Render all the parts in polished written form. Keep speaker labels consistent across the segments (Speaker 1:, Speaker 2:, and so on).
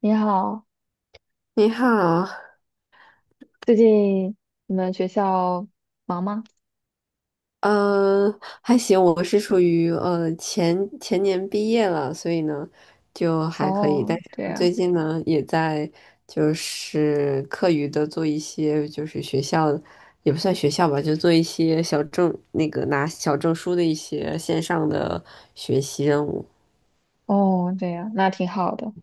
Speaker 1: 你好，
Speaker 2: 你好，
Speaker 1: 最近你们学校忙吗？
Speaker 2: 嗯，还行，我是属于前前年毕业了，所以呢就还可以，但
Speaker 1: 哦，对
Speaker 2: 是最
Speaker 1: 呀，
Speaker 2: 近呢也在就是课余的做一些就是学校也不算学校吧，就做一些小证那个拿小证书的一些线上的学习任务，
Speaker 1: 哦，对呀，那挺好的。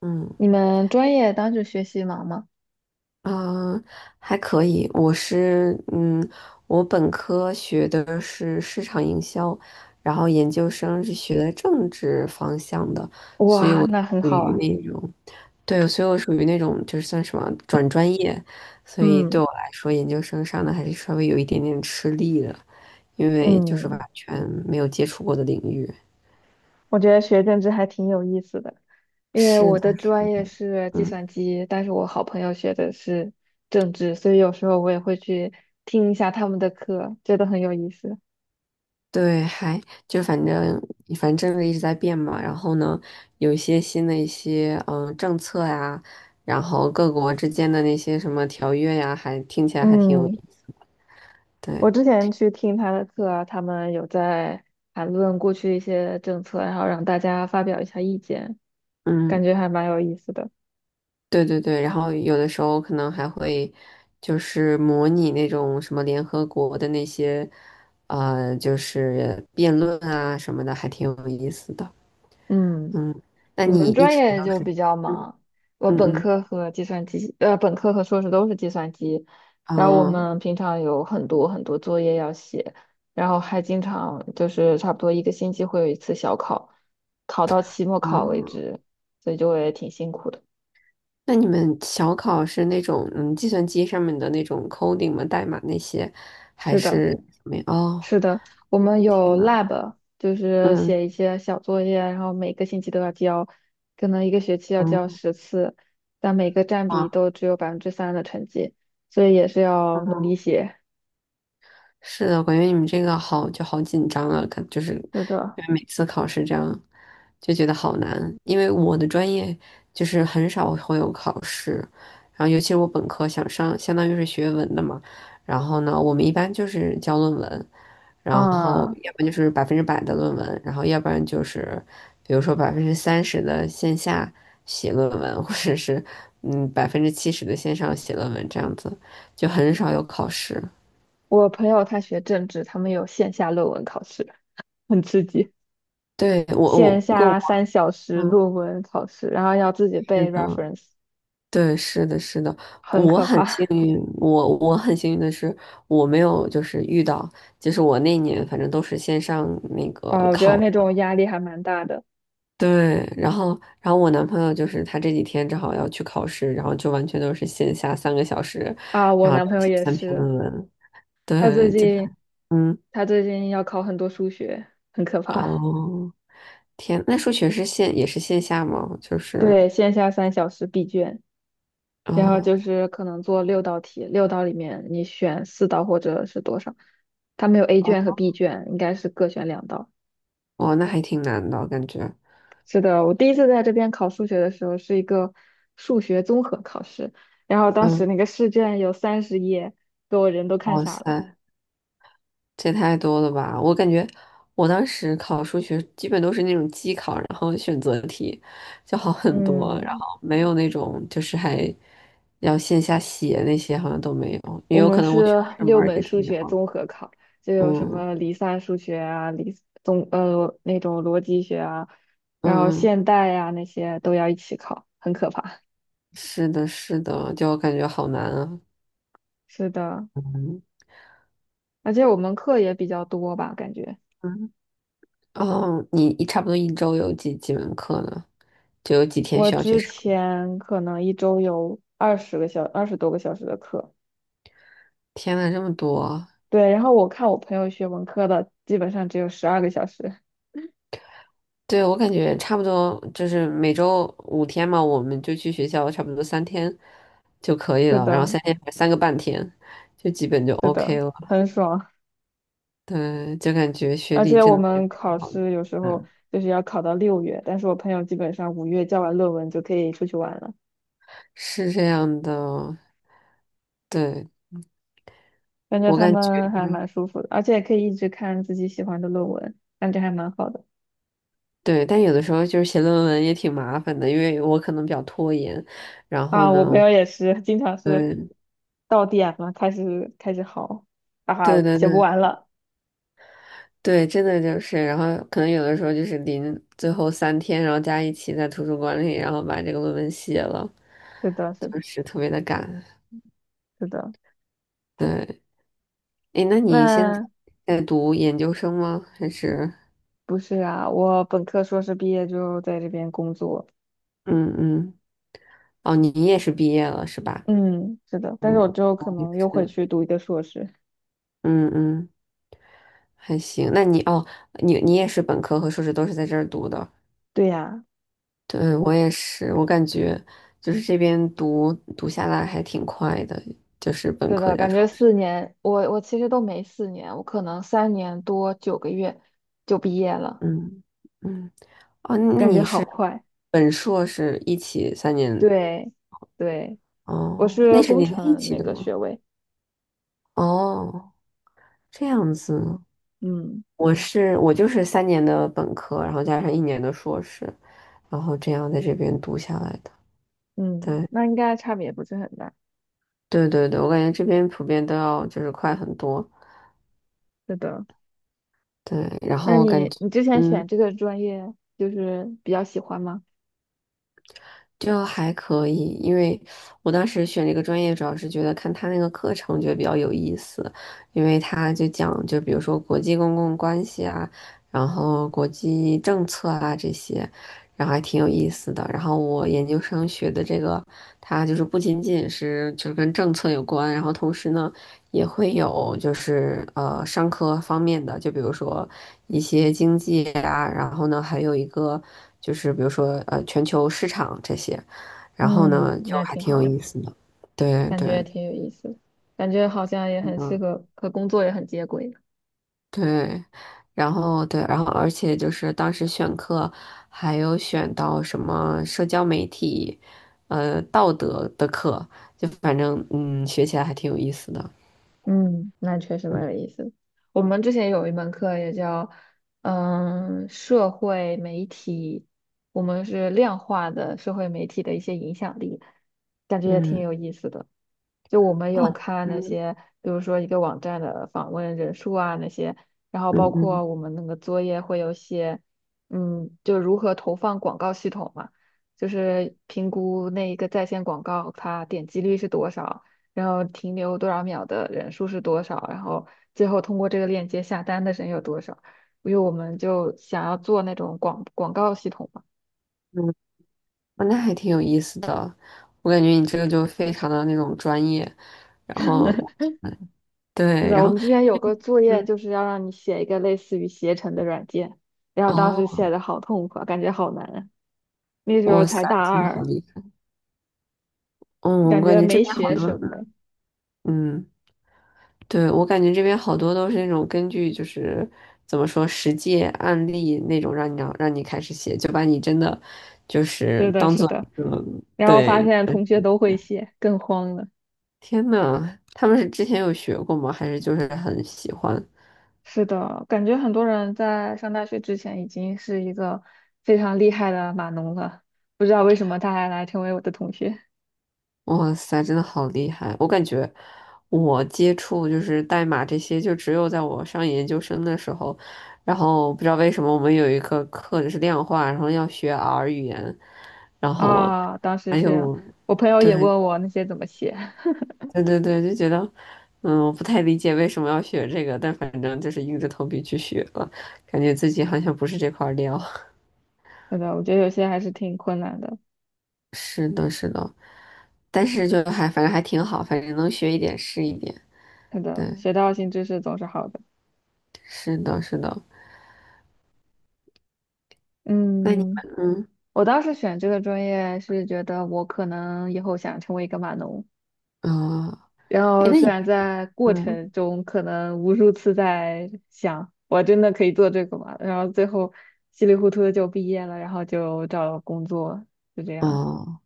Speaker 2: 嗯。
Speaker 1: 你们专业当时学习忙吗？
Speaker 2: 嗯，还可以。我是嗯，我本科学的是市场营销，然后研究生是学的政治方向的，所以
Speaker 1: 哇，
Speaker 2: 我
Speaker 1: 那很
Speaker 2: 属
Speaker 1: 好
Speaker 2: 于
Speaker 1: 啊。
Speaker 2: 那种，对，所以我属于那种就是算什么转专业，所以对
Speaker 1: 嗯
Speaker 2: 我来说，研究生上的还是稍微有一点点吃力的，因为就是完
Speaker 1: 嗯，
Speaker 2: 全没有接触过的领域。
Speaker 1: 我觉得学政治还挺有意思的，因为
Speaker 2: 是
Speaker 1: 我
Speaker 2: 的，
Speaker 1: 的专业是计
Speaker 2: 嗯。
Speaker 1: 算机，但是我好朋友学的是政治，所以有时候我也会去听一下他们的课，觉得很有意思。
Speaker 2: 对，还就反正反正政策一直在变嘛，然后呢，有一些新的一些政策呀，然后各国之间的那些什么条约呀，还听起来还挺有意
Speaker 1: 嗯。
Speaker 2: 思。对，
Speaker 1: 我之前去听他的课啊，他们有在谈论过去一些政策，然后让大家发表一下意见，感
Speaker 2: 嗯，
Speaker 1: 觉还蛮有意思的。
Speaker 2: 对对对，然后有的时候可能还会就是模拟那种什么联合国的那些就是辩论啊什么的，还挺有意思的。
Speaker 1: 嗯，
Speaker 2: 嗯，那
Speaker 1: 我
Speaker 2: 你
Speaker 1: 们
Speaker 2: 一
Speaker 1: 专
Speaker 2: 直
Speaker 1: 业
Speaker 2: 都
Speaker 1: 就
Speaker 2: 是。
Speaker 1: 比较
Speaker 2: 嗯
Speaker 1: 忙，我本
Speaker 2: 嗯
Speaker 1: 科和计算机，呃，本科和硕士都是计算机，
Speaker 2: 嗯，
Speaker 1: 然后我
Speaker 2: 哦
Speaker 1: 们平常有很多很多作业要写，然后还经常就是差不多一个星期会有一次小考，考到期末考为
Speaker 2: 哦。
Speaker 1: 止，所以就会挺辛苦的。
Speaker 2: 那你们小考是那种计算机上面的那种 coding 吗？代码那些，还
Speaker 1: 是的。
Speaker 2: 是？没？哦，
Speaker 1: 是的，我们
Speaker 2: 天
Speaker 1: 有
Speaker 2: 呐，
Speaker 1: lab，就是
Speaker 2: 嗯
Speaker 1: 写一些小作业，然后每个星期都要交，可能一个学期要交
Speaker 2: 嗯，
Speaker 1: 10次，但每个占比
Speaker 2: 嗯。
Speaker 1: 都只有3%的成绩，所以也是要努力写。
Speaker 2: 是的，我感觉你们这个好紧张啊，就是因
Speaker 1: 是的，
Speaker 2: 为每次考试这样就觉得好难。因为我的专业就是很少会有考试，然后尤其是我本科想上，相当于是学文的嘛，然后呢，我们一般就是交论文，然后
Speaker 1: 啊，
Speaker 2: 要不然就是100%的论文，然后要不然就是比如说30%的线下写论文，或者是70%的线上写论文这样子，就很少有考试。
Speaker 1: 我朋友他学政治，他们有线下论文考试，很刺激，
Speaker 2: 对，我我
Speaker 1: 线
Speaker 2: 不过我
Speaker 1: 下三小时
Speaker 2: 嗯，
Speaker 1: 论文考试，然后要自己
Speaker 2: 是
Speaker 1: 背
Speaker 2: 的，
Speaker 1: reference，
Speaker 2: 对，是的，是的，
Speaker 1: 很
Speaker 2: 我
Speaker 1: 可
Speaker 2: 很
Speaker 1: 怕。
Speaker 2: 幸 运，我我很幸运的是，我没有就是遇到，就是我那年反正都是线上那
Speaker 1: 啊，
Speaker 2: 个
Speaker 1: 我觉得
Speaker 2: 考的，
Speaker 1: 那种压力还蛮大的。
Speaker 2: 对，然后我男朋友就是他这几天正好要去考试，然后就完全都是线下3个小时，
Speaker 1: 啊，我
Speaker 2: 然后
Speaker 1: 男朋友
Speaker 2: 写
Speaker 1: 也
Speaker 2: 三篇
Speaker 1: 是。
Speaker 2: 论文，
Speaker 1: 他最
Speaker 2: 对，
Speaker 1: 近
Speaker 2: 嗯，
Speaker 1: 他最近要考很多数学，很可怕。
Speaker 2: 哦，天，那数学也是线下吗？
Speaker 1: 对，线下3小时闭卷，然后就
Speaker 2: 哦
Speaker 1: 是可能做6道题，六道里面你选4道或者是多少。他没有 A
Speaker 2: 哦
Speaker 1: 卷和 B 卷，应该是各选2道。
Speaker 2: 哦，那还挺难的感觉。
Speaker 1: 是的，我第一次在这边考数学的时候是一个数学综合考试，然后当时那
Speaker 2: 嗯。
Speaker 1: 个试卷有30页，给我人都看
Speaker 2: 哇
Speaker 1: 傻了。
Speaker 2: 塞，这太多了吧！我感觉我当时考数学基本都是那种机考，然后选择题就好很多，然
Speaker 1: 嗯。
Speaker 2: 后没有那种就是还要线下写那些，好像都没有，也
Speaker 1: 我
Speaker 2: 有
Speaker 1: 们
Speaker 2: 可能我学
Speaker 1: 是
Speaker 2: 的 是
Speaker 1: 六
Speaker 2: m a r
Speaker 1: 门
Speaker 2: k
Speaker 1: 数
Speaker 2: 就
Speaker 1: 学
Speaker 2: 好了。
Speaker 1: 综合考，就有什
Speaker 2: 嗯
Speaker 1: 么离散数学啊、那种逻辑学啊，
Speaker 2: 嗯
Speaker 1: 然后
Speaker 2: 嗯，
Speaker 1: 现代呀、那些都要一起考，很可怕。
Speaker 2: 是的，是的，就感觉好难啊。
Speaker 1: 是的，
Speaker 2: 嗯
Speaker 1: 而且我们课也比较多吧，感觉
Speaker 2: 嗯，哦，差不多一周有几门课呢？就有几天
Speaker 1: 我
Speaker 2: 需要去
Speaker 1: 之
Speaker 2: 上呢？
Speaker 1: 前可能一周有20多个小时的课，
Speaker 2: 天呐，这么多！
Speaker 1: 对，然后我看我朋友学文科的，基本上只有12个小时。
Speaker 2: 对，我感觉差不多，就是每周5天嘛，我们就去学校，差不多三天就可以
Speaker 1: 是
Speaker 2: 了，然后
Speaker 1: 的，
Speaker 2: 三天3个半天，就基本就
Speaker 1: 是的，
Speaker 2: OK 了。
Speaker 1: 很爽。
Speaker 2: 对，就感觉学
Speaker 1: 而
Speaker 2: 历
Speaker 1: 且
Speaker 2: 真
Speaker 1: 我
Speaker 2: 的是
Speaker 1: 们考
Speaker 2: 很好，
Speaker 1: 试有时候
Speaker 2: 嗯，
Speaker 1: 就是要考到六月，但是我朋友基本上五月交完论文就可以出去玩了，
Speaker 2: 是这样的。对，
Speaker 1: 感觉
Speaker 2: 我
Speaker 1: 他
Speaker 2: 感觉，
Speaker 1: 们还蛮
Speaker 2: 嗯，
Speaker 1: 舒服的，而且可以一直看自己喜欢的论文，感觉还蛮好的。
Speaker 2: 对，但有的时候就是写论文也挺麻烦的，因为我可能比较拖延，然后
Speaker 1: 啊，我朋
Speaker 2: 呢，
Speaker 1: 友也是，经常是
Speaker 2: 嗯，
Speaker 1: 到点了开始嚎，啊，哈，
Speaker 2: 对对
Speaker 1: 写不
Speaker 2: 对。
Speaker 1: 完了。
Speaker 2: 对，真的就是，然后可能有的时候就是最后三天，然后加一起在图书馆里，然后把这个论文写了，
Speaker 1: 是的，是的
Speaker 2: 就是特别的赶。
Speaker 1: 是的。
Speaker 2: 对，诶，那你现在
Speaker 1: 那
Speaker 2: 在读研究生吗？还是？
Speaker 1: 不是啊，我本科、硕士毕业就在这边工作。
Speaker 2: 嗯嗯，哦，你也是毕业了是吧？
Speaker 1: 嗯，是的，
Speaker 2: 嗯，
Speaker 1: 但是我之后可
Speaker 2: 我也
Speaker 1: 能又会
Speaker 2: 是，
Speaker 1: 去读一个硕士。
Speaker 2: 嗯嗯，还行。那你哦，你也是本科和硕士都是在这儿读的？
Speaker 1: 对呀。
Speaker 2: 对，我也是，我感觉就是这边读下来还挺快的，就是本
Speaker 1: 是
Speaker 2: 科
Speaker 1: 的，
Speaker 2: 加
Speaker 1: 感觉
Speaker 2: 硕。
Speaker 1: 四年，我其实都没四年，我可能3年多9个月就毕业了，
Speaker 2: 嗯嗯，哦，那
Speaker 1: 感觉
Speaker 2: 你
Speaker 1: 好
Speaker 2: 是
Speaker 1: 快。
Speaker 2: 本硕是一起三年，
Speaker 1: 对，对，我
Speaker 2: 哦，那
Speaker 1: 是
Speaker 2: 是
Speaker 1: 工
Speaker 2: 连在一
Speaker 1: 程
Speaker 2: 起
Speaker 1: 那
Speaker 2: 的
Speaker 1: 个学
Speaker 2: 吗？
Speaker 1: 位，
Speaker 2: 哦，这样子，
Speaker 1: 嗯
Speaker 2: 我就是三年的本科，然后加上1年的硕士，然后这样在这边读下来的。
Speaker 1: 嗯，
Speaker 2: 对
Speaker 1: 那应该差别不是很大。
Speaker 2: 对对对，我感觉这边普遍都要就是快很多。
Speaker 1: 是的，
Speaker 2: 对，然
Speaker 1: 那
Speaker 2: 后我感
Speaker 1: 你
Speaker 2: 觉，
Speaker 1: 你之前选
Speaker 2: 嗯。
Speaker 1: 这个专业就是比较喜欢吗？
Speaker 2: 就还可以，因为我当时选这个专业，主要是觉得看他那个课程觉得比较有意思，因为他就讲，就比如说国际公共关系啊，然后国际政策啊这些，然后还挺有意思的。然后我研究生学的这个，它就是不仅仅是就是跟政策有关，然后同时呢。也会有就是商科方面的，就比如说一些经济啊，然后呢还有一个就是比如说全球市场这些，然后呢
Speaker 1: 嗯，
Speaker 2: 就
Speaker 1: 那
Speaker 2: 还
Speaker 1: 挺
Speaker 2: 挺有
Speaker 1: 好的。
Speaker 2: 意思的。对
Speaker 1: 感
Speaker 2: 对，
Speaker 1: 觉挺有意思的。感觉好像也很适
Speaker 2: 嗯，
Speaker 1: 合和工作也很接轨。
Speaker 2: 对，然后对，然后而且就是当时选课还有选到什么社交媒体，道德的课，就反正学起来还挺有意思的。
Speaker 1: 嗯，那确实蛮有
Speaker 2: 嗯
Speaker 1: 意思的。我们之前有一门课也叫，嗯，社会媒体，我们是量化的社会媒体的一些影响力，感觉也挺
Speaker 2: 嗯，
Speaker 1: 有意思的。就我们有
Speaker 2: 哦，
Speaker 1: 看那
Speaker 2: 嗯
Speaker 1: 些，比如说一个网站的访问人数啊那些，然后包
Speaker 2: 嗯嗯。
Speaker 1: 括我们那个作业会有写，嗯，就如何投放广告系统嘛，就是评估那一个在线广告它点击率是多少。然后停留多少秒的人数是多少，然后最后通过这个链接下单的人有多少。因为我们就想要做那种广告系统嘛，
Speaker 2: 嗯，哦，那还挺有意思的，我感觉你这个就非常的那种专业，然后，嗯，
Speaker 1: 是
Speaker 2: 对，
Speaker 1: 的，
Speaker 2: 然
Speaker 1: 我
Speaker 2: 后，
Speaker 1: 们之前有个作业
Speaker 2: 嗯，
Speaker 1: 就是要让你写一个类似于携程的软件，然后当时
Speaker 2: 哦，
Speaker 1: 写的好痛苦啊，感觉好难啊，那时候
Speaker 2: 哇
Speaker 1: 才
Speaker 2: 塞，
Speaker 1: 大
Speaker 2: 真的好
Speaker 1: 二，
Speaker 2: 厉害，嗯，我
Speaker 1: 感
Speaker 2: 感
Speaker 1: 觉
Speaker 2: 觉这
Speaker 1: 没
Speaker 2: 边好
Speaker 1: 学
Speaker 2: 多，
Speaker 1: 什么。
Speaker 2: 嗯，对，我感觉这边好多都是那种根据就是怎么说实际案例那种让你开始写，就把你真的就是
Speaker 1: 是的，
Speaker 2: 当
Speaker 1: 是
Speaker 2: 做一
Speaker 1: 的，
Speaker 2: 个，
Speaker 1: 然后发
Speaker 2: 对，
Speaker 1: 现同学
Speaker 2: 嗯，
Speaker 1: 都会写，更慌了。
Speaker 2: 天呐，他们是之前有学过吗？还是就是很喜欢？
Speaker 1: 是的，感觉很多人在上大学之前已经是一个非常厉害的码农了，不知道为什么他还来成为我的同学
Speaker 2: 哇塞，真的好厉害！我感觉我接触就是代码这些，就只有在我上研究生的时候，然后不知道为什么我们有一个课就是量化，然后要学 R 语言，然后
Speaker 1: 啊！当时是我朋友也
Speaker 2: 对
Speaker 1: 问我那些怎么写，
Speaker 2: 对对对，就觉得我不太理解为什么要学这个，但反正就是硬着头皮去学了，感觉自己好像不是这块料。
Speaker 1: 是的，我觉得有些还是挺困难的。
Speaker 2: 是的，是的，但是就还反正还挺好，反正能学一点是一点。
Speaker 1: 是的，
Speaker 2: 对，
Speaker 1: 学到新知识总是好的。
Speaker 2: 是的，是的。那你
Speaker 1: 嗯，
Speaker 2: 们
Speaker 1: 我当时选这个专业是觉得我可能以后想成为一个码农。
Speaker 2: 嗯。啊，
Speaker 1: 然
Speaker 2: 哎，
Speaker 1: 后
Speaker 2: 那你
Speaker 1: 虽然在过
Speaker 2: 嗯
Speaker 1: 程中可能无数次在想，我真的可以做这个吗？然后最后稀里糊涂的就毕业了，然后就找了工作，就这样。
Speaker 2: 哦，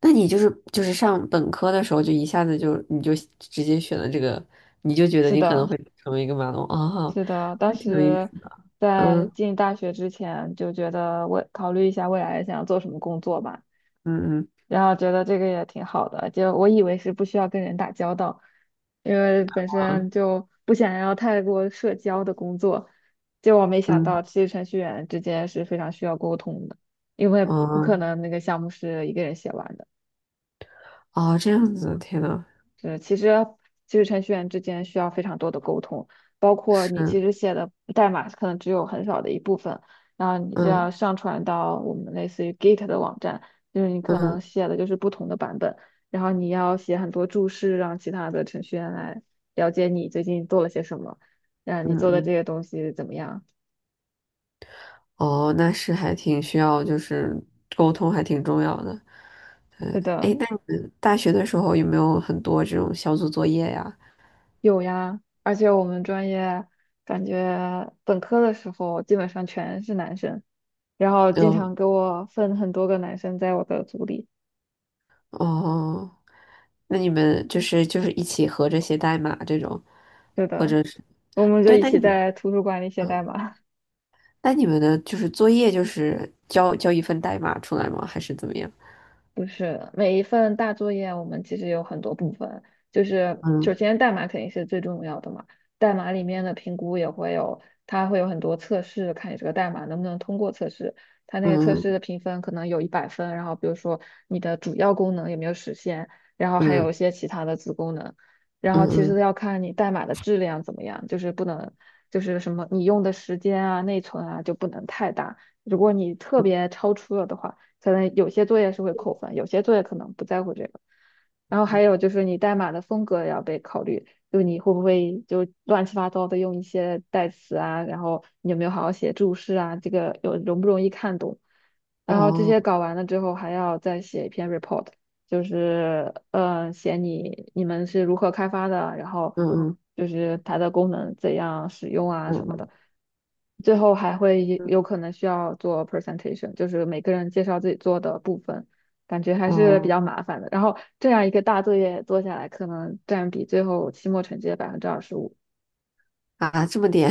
Speaker 2: 那你就是上本科的时候就一下子就你就直接选了这个，你就觉得
Speaker 1: 是
Speaker 2: 你可能
Speaker 1: 的，
Speaker 2: 会成为一个马龙啊，
Speaker 1: 是的，当
Speaker 2: 那挺有意思
Speaker 1: 时
Speaker 2: 的。
Speaker 1: 在
Speaker 2: 嗯
Speaker 1: 进大学之前就觉得我考虑一下未来想要做什么工作吧。
Speaker 2: 嗯
Speaker 1: 然后觉得这个也挺好的，就我以为是不需要跟人打交道，因为本
Speaker 2: 嗯
Speaker 1: 身就不想要太过社交的工作，结果没想到
Speaker 2: 嗯，
Speaker 1: 其实程序员之间是非常需要沟通的，因为不可
Speaker 2: 哦
Speaker 1: 能那个项目是一个人写完的。
Speaker 2: 哦，这样子，天呐，
Speaker 1: 对，其实程序员之间需要非常多的沟通，包括你其
Speaker 2: 是，
Speaker 1: 实写的代码可能只有很少的一部分，然后你就要
Speaker 2: 嗯
Speaker 1: 上传到我们类似于 Git 的网站，就是你可能
Speaker 2: 嗯
Speaker 1: 写的就是不同的版本，然后你要写很多注释，让其他的程序员来了解你最近做了些什么，让你
Speaker 2: 嗯
Speaker 1: 做的这
Speaker 2: 嗯，
Speaker 1: 些东西怎么样。
Speaker 2: 哦，那是还挺需要就是沟通还挺重要的。
Speaker 1: 是
Speaker 2: 哎，
Speaker 1: 的，
Speaker 2: 那你们大学的时候有没有很多这种小组作业呀？
Speaker 1: 有呀，而且我们专业感觉本科的时候基本上全是男生。然后经
Speaker 2: 有。
Speaker 1: 常给我分很多个男生在我的组里。
Speaker 2: 哦。那你们就是一起合着写代码这种，
Speaker 1: 是
Speaker 2: 或
Speaker 1: 的，
Speaker 2: 者是，
Speaker 1: 我们就
Speaker 2: 对，
Speaker 1: 一起在图书馆里写代
Speaker 2: 嗯，
Speaker 1: 码。
Speaker 2: 那你们的就是作业就是交一份代码出来吗？还是怎么样？
Speaker 1: 不是，每一份大作业我们其实有很多部分，就是首
Speaker 2: 嗯
Speaker 1: 先代码肯定是最重要的嘛，代码里面的评估也会有，它会有很多测试，看你这个代码能不能通过测试。它那个测试
Speaker 2: 嗯
Speaker 1: 的评分可能有100分，然后比如说你的主要功能有没有实现，然后还有一
Speaker 2: 嗯
Speaker 1: 些其他的子功能，然
Speaker 2: 嗯
Speaker 1: 后其实
Speaker 2: 嗯，
Speaker 1: 要看你代码的质量怎么样，就是不能就是什么你用的时间啊、内存啊就不能太大，如果你特别超出了的话。可能有些作业是会扣分，有些作业可能不在乎这个。然后还有就是你代码的风格也要被考虑，就你会不会就乱七八糟的用一些代词啊，然后你有没有好好写注释啊，这个有容不容易看懂。然后这些
Speaker 2: 哦，
Speaker 1: 搞完了之后，还要再写一篇 report，就是写你们是如何开发的，然后
Speaker 2: 嗯嗯
Speaker 1: 就是它的功能怎样使用啊什么的。
Speaker 2: 嗯
Speaker 1: 最后还会也
Speaker 2: 嗯，
Speaker 1: 有可能需要做 presentation，就是每个人介绍自己做的部分，感觉还是比
Speaker 2: 哦，
Speaker 1: 较麻烦的。然后这样一个大作业做下来，可能占比最后期末成绩的25%。
Speaker 2: 啊，这么点，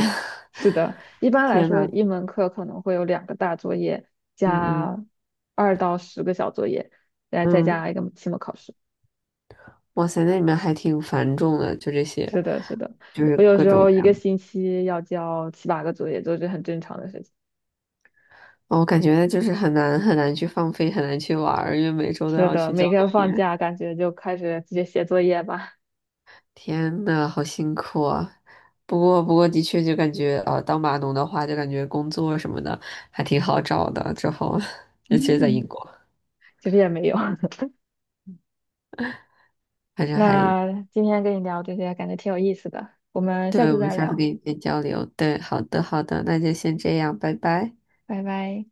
Speaker 1: 是 的，一般来
Speaker 2: 天
Speaker 1: 说，
Speaker 2: 呐，
Speaker 1: 一门课可能会有2个大作业
Speaker 2: 嗯嗯
Speaker 1: 加2到10个小作业，再
Speaker 2: 嗯，
Speaker 1: 加一个期末考试。
Speaker 2: 哇塞，那你们还挺繁重的，就这些，
Speaker 1: 是的，是的，
Speaker 2: 就是
Speaker 1: 我有
Speaker 2: 各
Speaker 1: 时
Speaker 2: 种
Speaker 1: 候
Speaker 2: 各
Speaker 1: 一
Speaker 2: 样
Speaker 1: 个
Speaker 2: 的。
Speaker 1: 星期要交七八个作业，都是很正常的事情。
Speaker 2: 哦，我感觉就是很难很难去放飞，很难去玩儿，因为每周都
Speaker 1: 是
Speaker 2: 要
Speaker 1: 的，
Speaker 2: 去交
Speaker 1: 每
Speaker 2: 作
Speaker 1: 个放
Speaker 2: 业。
Speaker 1: 假感觉就开始直接写作业吧。
Speaker 2: 天呐，好辛苦啊！不过，的确就感觉，当码农的话，就感觉工作什么的还挺好找的。之后，尤其是在
Speaker 1: 嗯，
Speaker 2: 英国，
Speaker 1: 其实也没有。
Speaker 2: 反正还，
Speaker 1: 那今天跟你聊这些，感觉挺有意思的。我们下
Speaker 2: 对，
Speaker 1: 次
Speaker 2: 我们
Speaker 1: 再
Speaker 2: 下次可
Speaker 1: 聊，
Speaker 2: 以再交流。对，好的，好的，那就先这样，拜拜。
Speaker 1: 拜拜。